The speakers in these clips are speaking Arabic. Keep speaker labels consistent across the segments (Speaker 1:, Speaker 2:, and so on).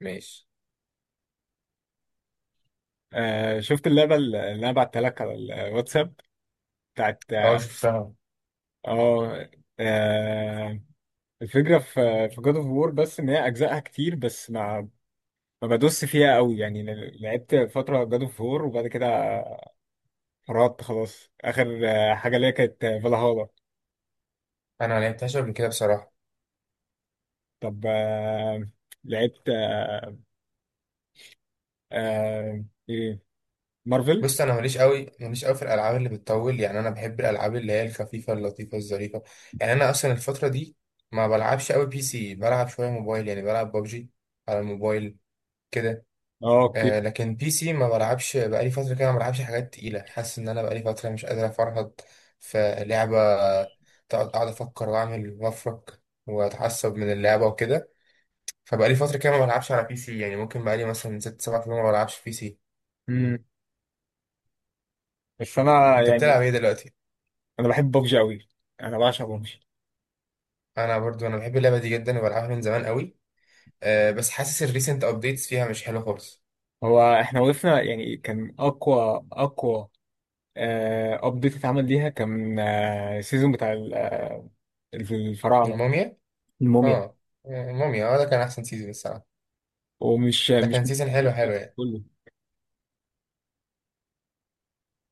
Speaker 1: ماشي.
Speaker 2: شفت اللعبة اللي انا بعتها لك على الواتساب بتاعت
Speaker 1: اه، شفتها.
Speaker 2: اه آه، الفكرة في جاد اوف وور، بس ان هي اجزائها كتير، بس ما بدوس فيها قوي. يعني لعبت فترة جاد اوف وور وبعد كده فرطت. خلاص، اخر حاجة ليا كانت فالهالا.
Speaker 1: انا ما لعبتهاش قبل كده بصراحه.
Speaker 2: طب آه، لعبت، ايه، مارفل.
Speaker 1: بص، انا ماليش قوي في الالعاب اللي بتطول، يعني انا بحب الالعاب اللي هي الخفيفه اللطيفه الظريفه. يعني انا اصلا الفتره دي ما بلعبش قوي بي سي، بلعب شويه موبايل، يعني بلعب ببجي على الموبايل كده.
Speaker 2: اه، اوكي.
Speaker 1: لكن بي سي ما بلعبش بقالي فتره كده، ما بلعبش حاجات تقيله. حاسس ان انا بقالي فتره مش قادر افرهد في لعبه، اقعد افكر واعمل وافرك واتعصب من اللعبه وكده. فبقالي فترة كده ما بلعبش على بي سي، يعني ممكن بقالي مثلا ست سبع شهور ما بلعبش بي سي.
Speaker 2: مم. بس انا
Speaker 1: انت
Speaker 2: يعني
Speaker 1: بتلعب ايه دلوقتي؟
Speaker 2: انا بحب ببجي قوي، انا بعشق ببجي.
Speaker 1: انا برضو انا بحب اللعبة دي جدا وبلعبها من زمان قوي. أه، بس حاسس الريسنت ابديتس فيها مش حلو خالص.
Speaker 2: هو احنا وقفنا، يعني كان اقوى ابديت اتعمل ليها، كان السيزون بتاع الفراعنه.
Speaker 1: الموميا؟
Speaker 2: الموميا.
Speaker 1: اه، الموميا، اه ده كان احسن سيزون الصراحة.
Speaker 2: ومش
Speaker 1: ده
Speaker 2: مش
Speaker 1: كان سيزون حلو حلو يعني.
Speaker 2: كله.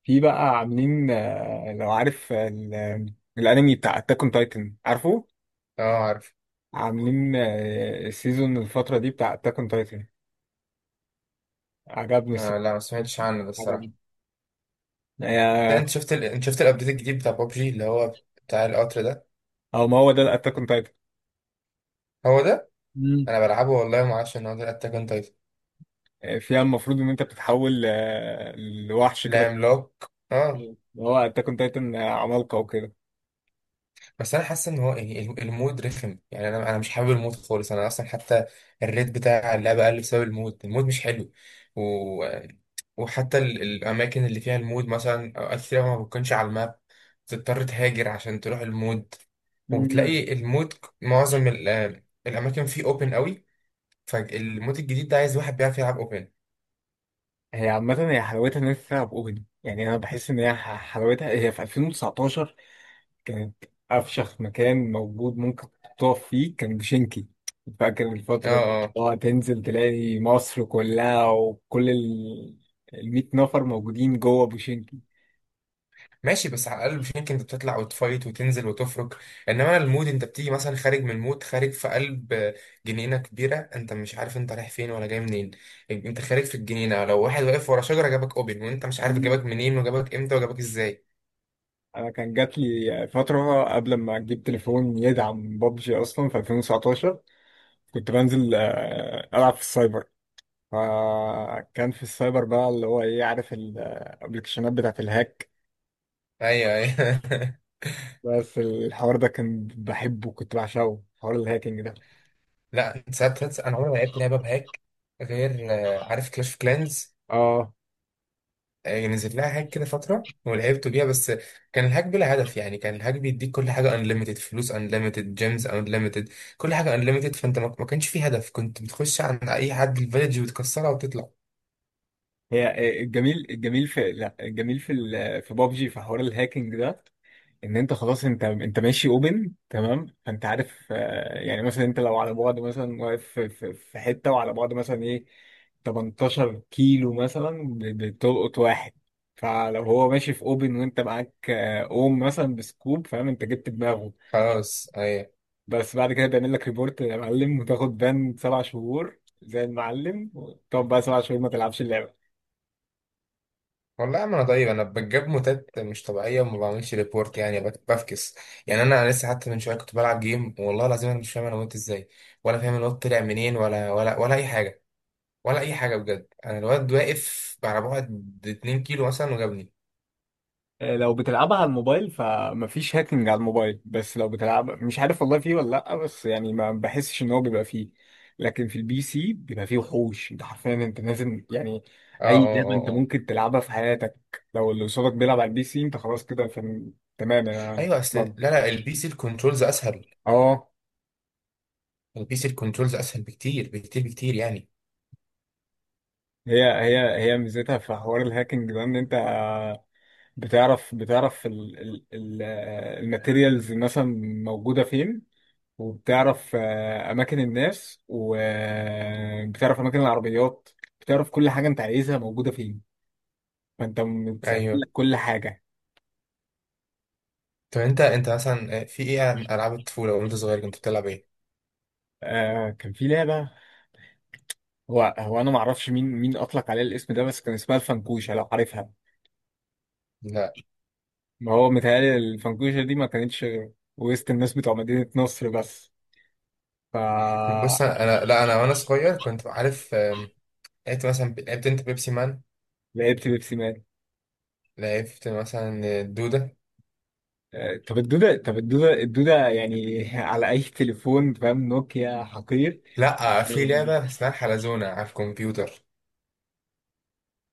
Speaker 2: في بقى عاملين، لو عارف، الانمي بتاع اتاك اون تايتن، عارفه.
Speaker 1: اه، عارف.
Speaker 2: عاملين سيزون الفتره دي بتاع اتاك اون تايتن، عجبني
Speaker 1: آه، لا، ما سمعتش عنه ده الصراحة.
Speaker 2: عجبني
Speaker 1: ده
Speaker 2: آه،
Speaker 1: انت شفت انت شفت الابديت الجديد بتاع بابجي اللي هو بتاع القطر ده.
Speaker 2: او ما هو ده الاتاك اون تايتن.
Speaker 1: هو ده؟
Speaker 2: مم.
Speaker 1: انا بلعبه والله ما اعرفش ان هو ده الاتاك اون تايتن.
Speaker 2: فيها المفروض ان انت بتتحول لوحش
Speaker 1: لا،
Speaker 2: كده.
Speaker 1: عملاق. اه،
Speaker 2: مم. هو انت كنت قلت ان عمالقه وكده.
Speaker 1: بس انا حاسس ان هو يعني المود رخم، يعني انا مش حابب المود خالص. انا اصلا حتى الريت بتاع اللعبه قل بسبب المود. المود مش حلو و... وحتى الاماكن اللي فيها المود مثلا اوقات كتير ما بتكونش على الماب. بتضطر تهاجر عشان تروح المود.
Speaker 2: مم.
Speaker 1: وبتلاقي المود معظم ال... آه، الاماكن فيه اوبن قوي. فالمود الجديد ده عايز واحد بيعرف يلعب اوبن.
Speaker 2: هي عامة، هي حلاوتها إن أنت تلعب أوبن. يعني أنا بحس إن هي حلاوتها هي في 2019، كانت أفشخ مكان موجود ممكن تقف فيه كان بشنكي. فاكر
Speaker 1: اه،
Speaker 2: الفترة دي،
Speaker 1: آه.
Speaker 2: تنزل تلاقي مصر كلها وكل ال 100 نفر موجودين جوه بوشنكي.
Speaker 1: ماشي، بس على الاقل مش يمكن انت بتطلع وتفايت وتنزل وتفرك. انما انا المود انت بتيجي مثلا خارج من المود، خارج في قلب جنينه كبيره، انت مش عارف انت رايح فين ولا جاي منين. انت خارج في الجنينه، لو واحد واقف ورا شجره جابك اوبن وانت مش عارف
Speaker 2: مم.
Speaker 1: جابك منين وجابك امتى وجابك ازاي.
Speaker 2: أنا كان جات لي فترة قبل ما أجيب تليفون يدعم بابجي أصلا في 2019. كنت بنزل ألعب في السايبر. فكان في السايبر بقى اللي هو ايه، عارف الابلكيشنات بتاعت الهاك؟
Speaker 1: ايوه، ايوه.
Speaker 2: بس الحوار ده كان بحبه، كنت بعشقه، حوار الهاكينج ده.
Speaker 1: لا، انت انا عمري ما لعبت لعبه بهاك غير عارف كلاش اوف كلانز.
Speaker 2: اه.
Speaker 1: نزل لها هاك كده فترة ولعبت بيها. بس كان الهاك بلا هدف، يعني كان الهاك بيديك كل حاجة انليمتد، فلوس انليمتد، جيمز انليمتد، كل حاجة انليمتد. فانت ما كانش فيه هدف، كنت بتخش عند اي حد الفيلج وتكسرها وتطلع.
Speaker 2: هي الجميل في، لا، الجميل في بابجي، في حوار الهاكينج ده، ان انت خلاص، انت ماشي اوبن، تمام؟ فانت عارف يعني مثلا انت لو على بعد، مثلا واقف في حته، وعلى بعد مثلا ايه 18 كيلو مثلا، بتلقط واحد. فلو هو ماشي في اوبن وانت معاك آه، اوم مثلا بسكوب، فاهم؟ انت جبت دماغه.
Speaker 1: خلاص، ايوه.
Speaker 2: بس بعد كده بيعمل لك ريبورت يا معلم، وتاخد بان 7 شهور زي المعلم، وتقعد بقى 7 شهور ما تلعبش اللعبه.
Speaker 1: والله يا عم، انا طيب انا بجيب موتات مش طبيعيه وما بعملش ريبورت، يعني بفكس. يعني انا لسه حتى من شويه كنت بلعب جيم، والله العظيم انا مش فاهم انا وقت ازاي، ولا فاهم الواد طلع منين ولا اي حاجه، ولا اي حاجه بجد. انا الواد واقف على بعد 2 كيلو مثلا وجابني.
Speaker 2: لو بتلعبها على الموبايل فمفيش هاكينج على الموبايل. بس لو بتلعب، مش عارف والله فيه ولا لأ، بس يعني ما بحسش ان هو بيبقى فيه. لكن في البي سي بيبقى فيه وحوش، انت حرفيا انت لازم يعني،
Speaker 1: اه،
Speaker 2: اي
Speaker 1: اه،
Speaker 2: لعبة انت
Speaker 1: اه، اه.
Speaker 2: ممكن تلعبها في حياتك، لو اللي قصادك بيلعب على البي سي، انت خلاص كده تمام، انا
Speaker 1: ايوه، اصل لا
Speaker 2: ضامن.
Speaker 1: لا، البي سي الكنترولز اسهل.
Speaker 2: اه.
Speaker 1: البي سي الكنترولز اسهل بكتير بكتير بكتير يعني.
Speaker 2: هي ميزتها في حوار الهاكينج ده، ان انت بتعرف ال... ال... ال... آه، الماتيريالز مثلا موجودة فين. وبتعرف أماكن الناس، وبتعرف أماكن العربيات، بتعرف كل حاجة أنت عايزها موجودة فين. فأنت متسهل
Speaker 1: ايوه.
Speaker 2: لك كل حاجة.
Speaker 1: طب انت مثلا في ايه؟ العاب الطفوله وانت صغير كنت بتلعب ايه؟
Speaker 2: كان في لعبة، هو أنا معرفش مين أطلق عليها الاسم ده، بس كان اسمها الفنكوشة، لو عارفها.
Speaker 1: لا،
Speaker 2: ما هو متهيألي الفنكوشة دي ما كانتش غير وسط الناس بتوع مدينة نصر بس،
Speaker 1: بص،
Speaker 2: فلعبت.
Speaker 1: انا لا انا وانا صغير كنت عارف، لعبت مثلا، لعبت انت بيبسي مان،
Speaker 2: بيبسي مان.
Speaker 1: لعبت مثلا الدوده.
Speaker 2: طب الدودة يعني على أي تليفون، فاهم؟ نوكيا حقير.
Speaker 1: لا، في لعبه اسمها الحلزونه على الكمبيوتر.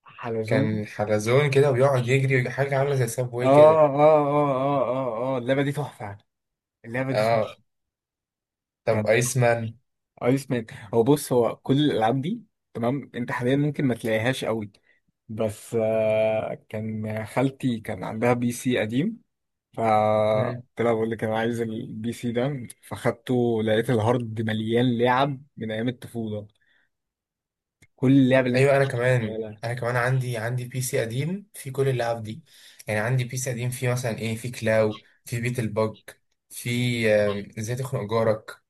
Speaker 2: حلزون.
Speaker 1: كان حلزون كده ويقعد يجري، حاجه عامله زي
Speaker 2: اه،
Speaker 1: سابواي كده.
Speaker 2: اه، اه، اه، اه، اه، اللعبه دي تحفه يعني. اللعبه دي
Speaker 1: اه.
Speaker 2: تحفه. كان
Speaker 1: طب ايس مان؟
Speaker 2: ايس مان. هو بص، هو كل الالعاب دي، تمام، انت حاليا ممكن ما تلاقيهاش قوي. بس كان خالتي كان عندها بي سي قديم، ف قلت لها بقول لك انا عايز البي سي ده، فاخدته، لقيت الهارد مليان لعب من ايام الطفوله، كل اللعب اللي انت
Speaker 1: ايوه. انا كمان،
Speaker 2: تتخيلها.
Speaker 1: انا كمان عندي بي سي قديم فيه كل اللعب دي. يعني عندي بي سي قديم فيه مثلا ايه؟ فيه كلاو، فيه بيت البج، فيه ازاي تخنق جارك،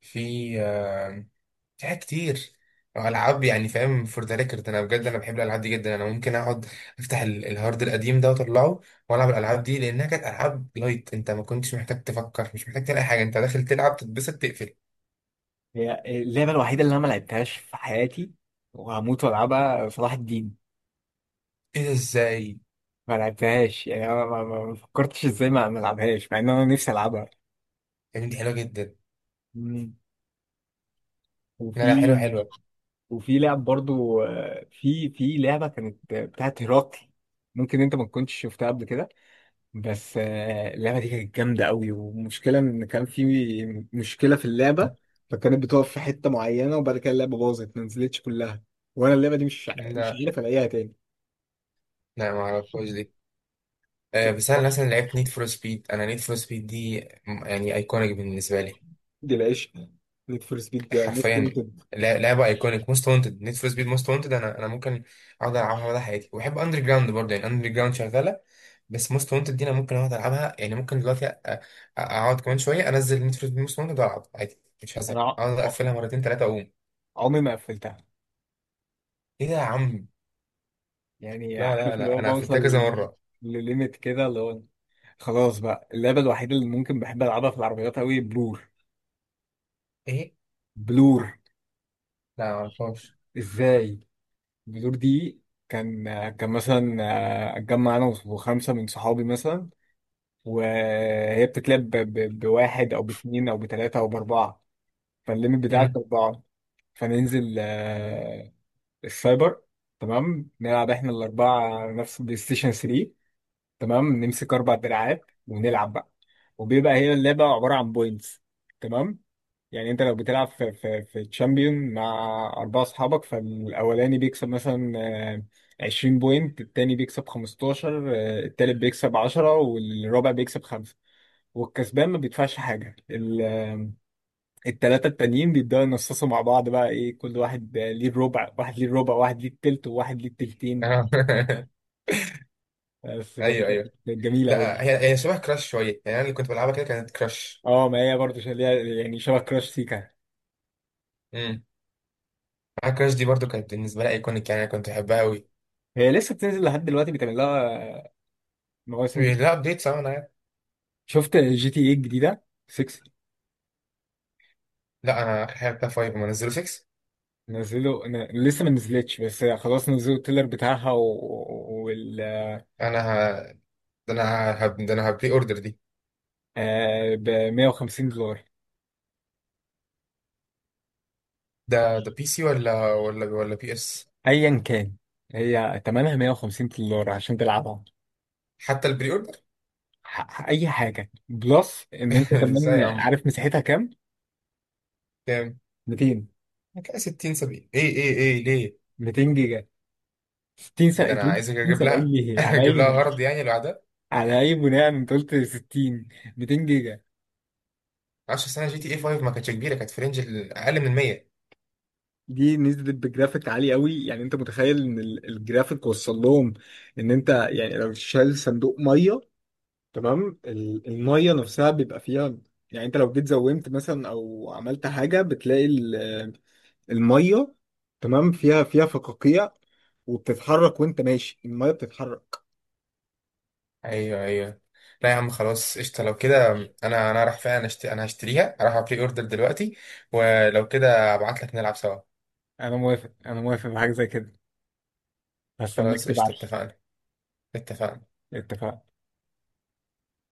Speaker 1: فيه آم، في حاجات كتير. العاب يعني فاهم؟ فور ذا ريكورد انا بجد انا بحب الالعاب دي جدا. انا ممكن اقعد افتح الهارد القديم ده واطلعه والعب الالعاب دي، لانها كانت العاب لايت، انت ما كنتش محتاج تفكر، مش محتاج تعمل اي حاجه، انت داخل تلعب تتبسط تقفل.
Speaker 2: هي اللعبه الوحيده اللي انا ما لعبتهاش في حياتي وهموت والعبها، صلاح الدين.
Speaker 1: ايه ده؟ ازاي؟
Speaker 2: ما لعبتهاش يعني، انا ما فكرتش ازاي ما العبهاش، مع ان انا نفسي العبها.
Speaker 1: يا بنتي، حلوه جدا.
Speaker 2: مم.
Speaker 1: لا
Speaker 2: وفي
Speaker 1: لا، حلوه حلوه.
Speaker 2: وفي لعب برضو في لعبه كانت بتاعت هيراقي. ممكن انت ما تكونش شفتها قبل كده. بس اللعبه دي كانت جامده قوي، والمشكله ان كان في مشكله في اللعبه. فكانت بتقف في حته معينه، وبعد كده اللعبه باظت، ما نزلتش كلها، وانا اللعبه دي مش
Speaker 1: لا
Speaker 2: عارف الاقيها تاني.
Speaker 1: لا، ما اعرفهاش دي. بس انا مثلا لعبت نيد فور سبيد. انا نيد فور سبيد دي يعني ايكونيك بالنسبه لي.
Speaker 2: دي العيش، نيد فور سبيد موست
Speaker 1: حرفيا
Speaker 2: وانتد.
Speaker 1: لعبه ايكونيك، موست وانتد، نيد فور سبيد موست وانتد. انا ممكن اقعد العبها مدى حياتي. وبحب اندر جراوند برضه، يعني اندر جراوند شغاله. بس موست وانتد دي انا ممكن اقعد العبها، يعني ممكن دلوقتي اقعد كمان شويه، انزل نيد فور سبيد موست وانتد والعب عادي، مش
Speaker 2: انا
Speaker 1: هزهق اقعد اقفلها مرتين ثلاثه اقوم.
Speaker 2: عمري ما قفلتها،
Speaker 1: ايه ده يا عم؟
Speaker 2: يعني
Speaker 1: لا لا
Speaker 2: عارف اللي
Speaker 1: لا،
Speaker 2: هو
Speaker 1: انا قفلتها
Speaker 2: بوصل
Speaker 1: كذا مره.
Speaker 2: لليميت كده، اللي هو خلاص بقى. اللعبة الوحيدة اللي ممكن بحب ألعبها في العربيات أوي، بلور.
Speaker 1: ايه؟
Speaker 2: بلور.
Speaker 1: لا، معرفهاش.
Speaker 2: إزاي؟ بلور دي كان كان مثلا أتجمع أنا وخمسة من صحابي مثلا، وهي بتتلعب بواحد أو باتنين أو بتلاتة أو بأربعة. فالليميت بتاعك
Speaker 1: مم.
Speaker 2: أربعة. فننزل السايبر، تمام. نلعب احنا الأربعة نفس البلاي ستيشن 3، تمام، نمسك اربع دراعات ونلعب بقى. وبيبقى هي اللعبه عباره عن بوينتس، تمام. يعني انت لو بتلعب في تشامبيون مع اربعه اصحابك، فالاولاني بيكسب مثلا 20 بوينت، التاني بيكسب 15، التالت بيكسب 10، والرابع بيكسب 5. والكسبان ما بيدفعش حاجه. التلاته التانيين بيبداوا ينصصوا مع بعض، بقى ايه كل واحد ليه الربع، واحد ليه الربع، واحد ليه التلت، وواحد ليه التلتين. بس فدي
Speaker 1: ايوه،
Speaker 2: كانت
Speaker 1: ايوه.
Speaker 2: جميله
Speaker 1: لا،
Speaker 2: قوي.
Speaker 1: هي شبه كراش شويه، يعني انا اللي كنت بلعبها كده كانت كراش.
Speaker 2: اه، ما هي برضه ليها، يعني شبه كراش سيكا.
Speaker 1: امم. معايا كراش دي برضو كانت بالنسبه لي ايكونيك، يعني انا كنت بحبها قوي.
Speaker 2: هي لسه بتنزل لحد دلوقتي، بيتعمل لها مواسم جديدة.
Speaker 1: لا، ابديت صح. انا عارف.
Speaker 2: شفت جي تي ايه الجديدة 6؟
Speaker 1: لا، انا الحقيقه بتاع 5، ما نزلوا 6.
Speaker 2: نزلوا لسه ما نزلتش، بس خلاص نزلوا التيلر بتاعها و... وال
Speaker 1: انا ه... ده انا ه... هب- ده انا هبري اوردر دي.
Speaker 2: ب $150.
Speaker 1: ده بي سي ولا بي اس؟
Speaker 2: ايا كان، هي تمنها $150 عشان تلعبها.
Speaker 1: حتى البري اوردر؟
Speaker 2: اي حاجة بلس. ان انت كمان
Speaker 1: ازاي يا عم؟
Speaker 2: عارف مساحتها كام؟
Speaker 1: كام؟
Speaker 2: 200.
Speaker 1: كده 60، 70، ايه ليه؟
Speaker 2: 200 جيجا. 60،
Speaker 1: ده
Speaker 2: 70.
Speaker 1: انا عايز اجيب
Speaker 2: 70
Speaker 1: لها
Speaker 2: ليه؟ على
Speaker 1: اجيب
Speaker 2: اي،
Speaker 1: لها غرض يعني لوحدها.
Speaker 2: على اي بناء انت قلت 60؟ 200 جيجا.
Speaker 1: 10 سنه، جي تي اي 5 ما كانتش كبيره، كانت في رينج اقل من 100.
Speaker 2: دي نزلت بجرافيك عالي قوي، يعني انت متخيل ان الجرافيك وصل لهم، ان انت يعني لو شايل صندوق ميه، تمام؟ الميه نفسها بيبقى فيها، يعني انت لو جيت زومت مثلا او عملت حاجه بتلاقي الميه، تمام، فيها فقاقيع، وبتتحرك وانت ماشي الميه بتتحرك.
Speaker 1: ايوه، ايوه. لا يا عم، خلاص، قشطه لو كده. انا راح فعلا أشتري، انا هشتريها، راح ابري اوردر دلوقتي. ولو كده ابعت لك نلعب سوا.
Speaker 2: انا موافق، انا موافق بحاجه زي كده، هستناك
Speaker 1: خلاص، قشطه
Speaker 2: تبعت
Speaker 1: اتفقنا. اتفقنا.
Speaker 2: لي. اتفقنا.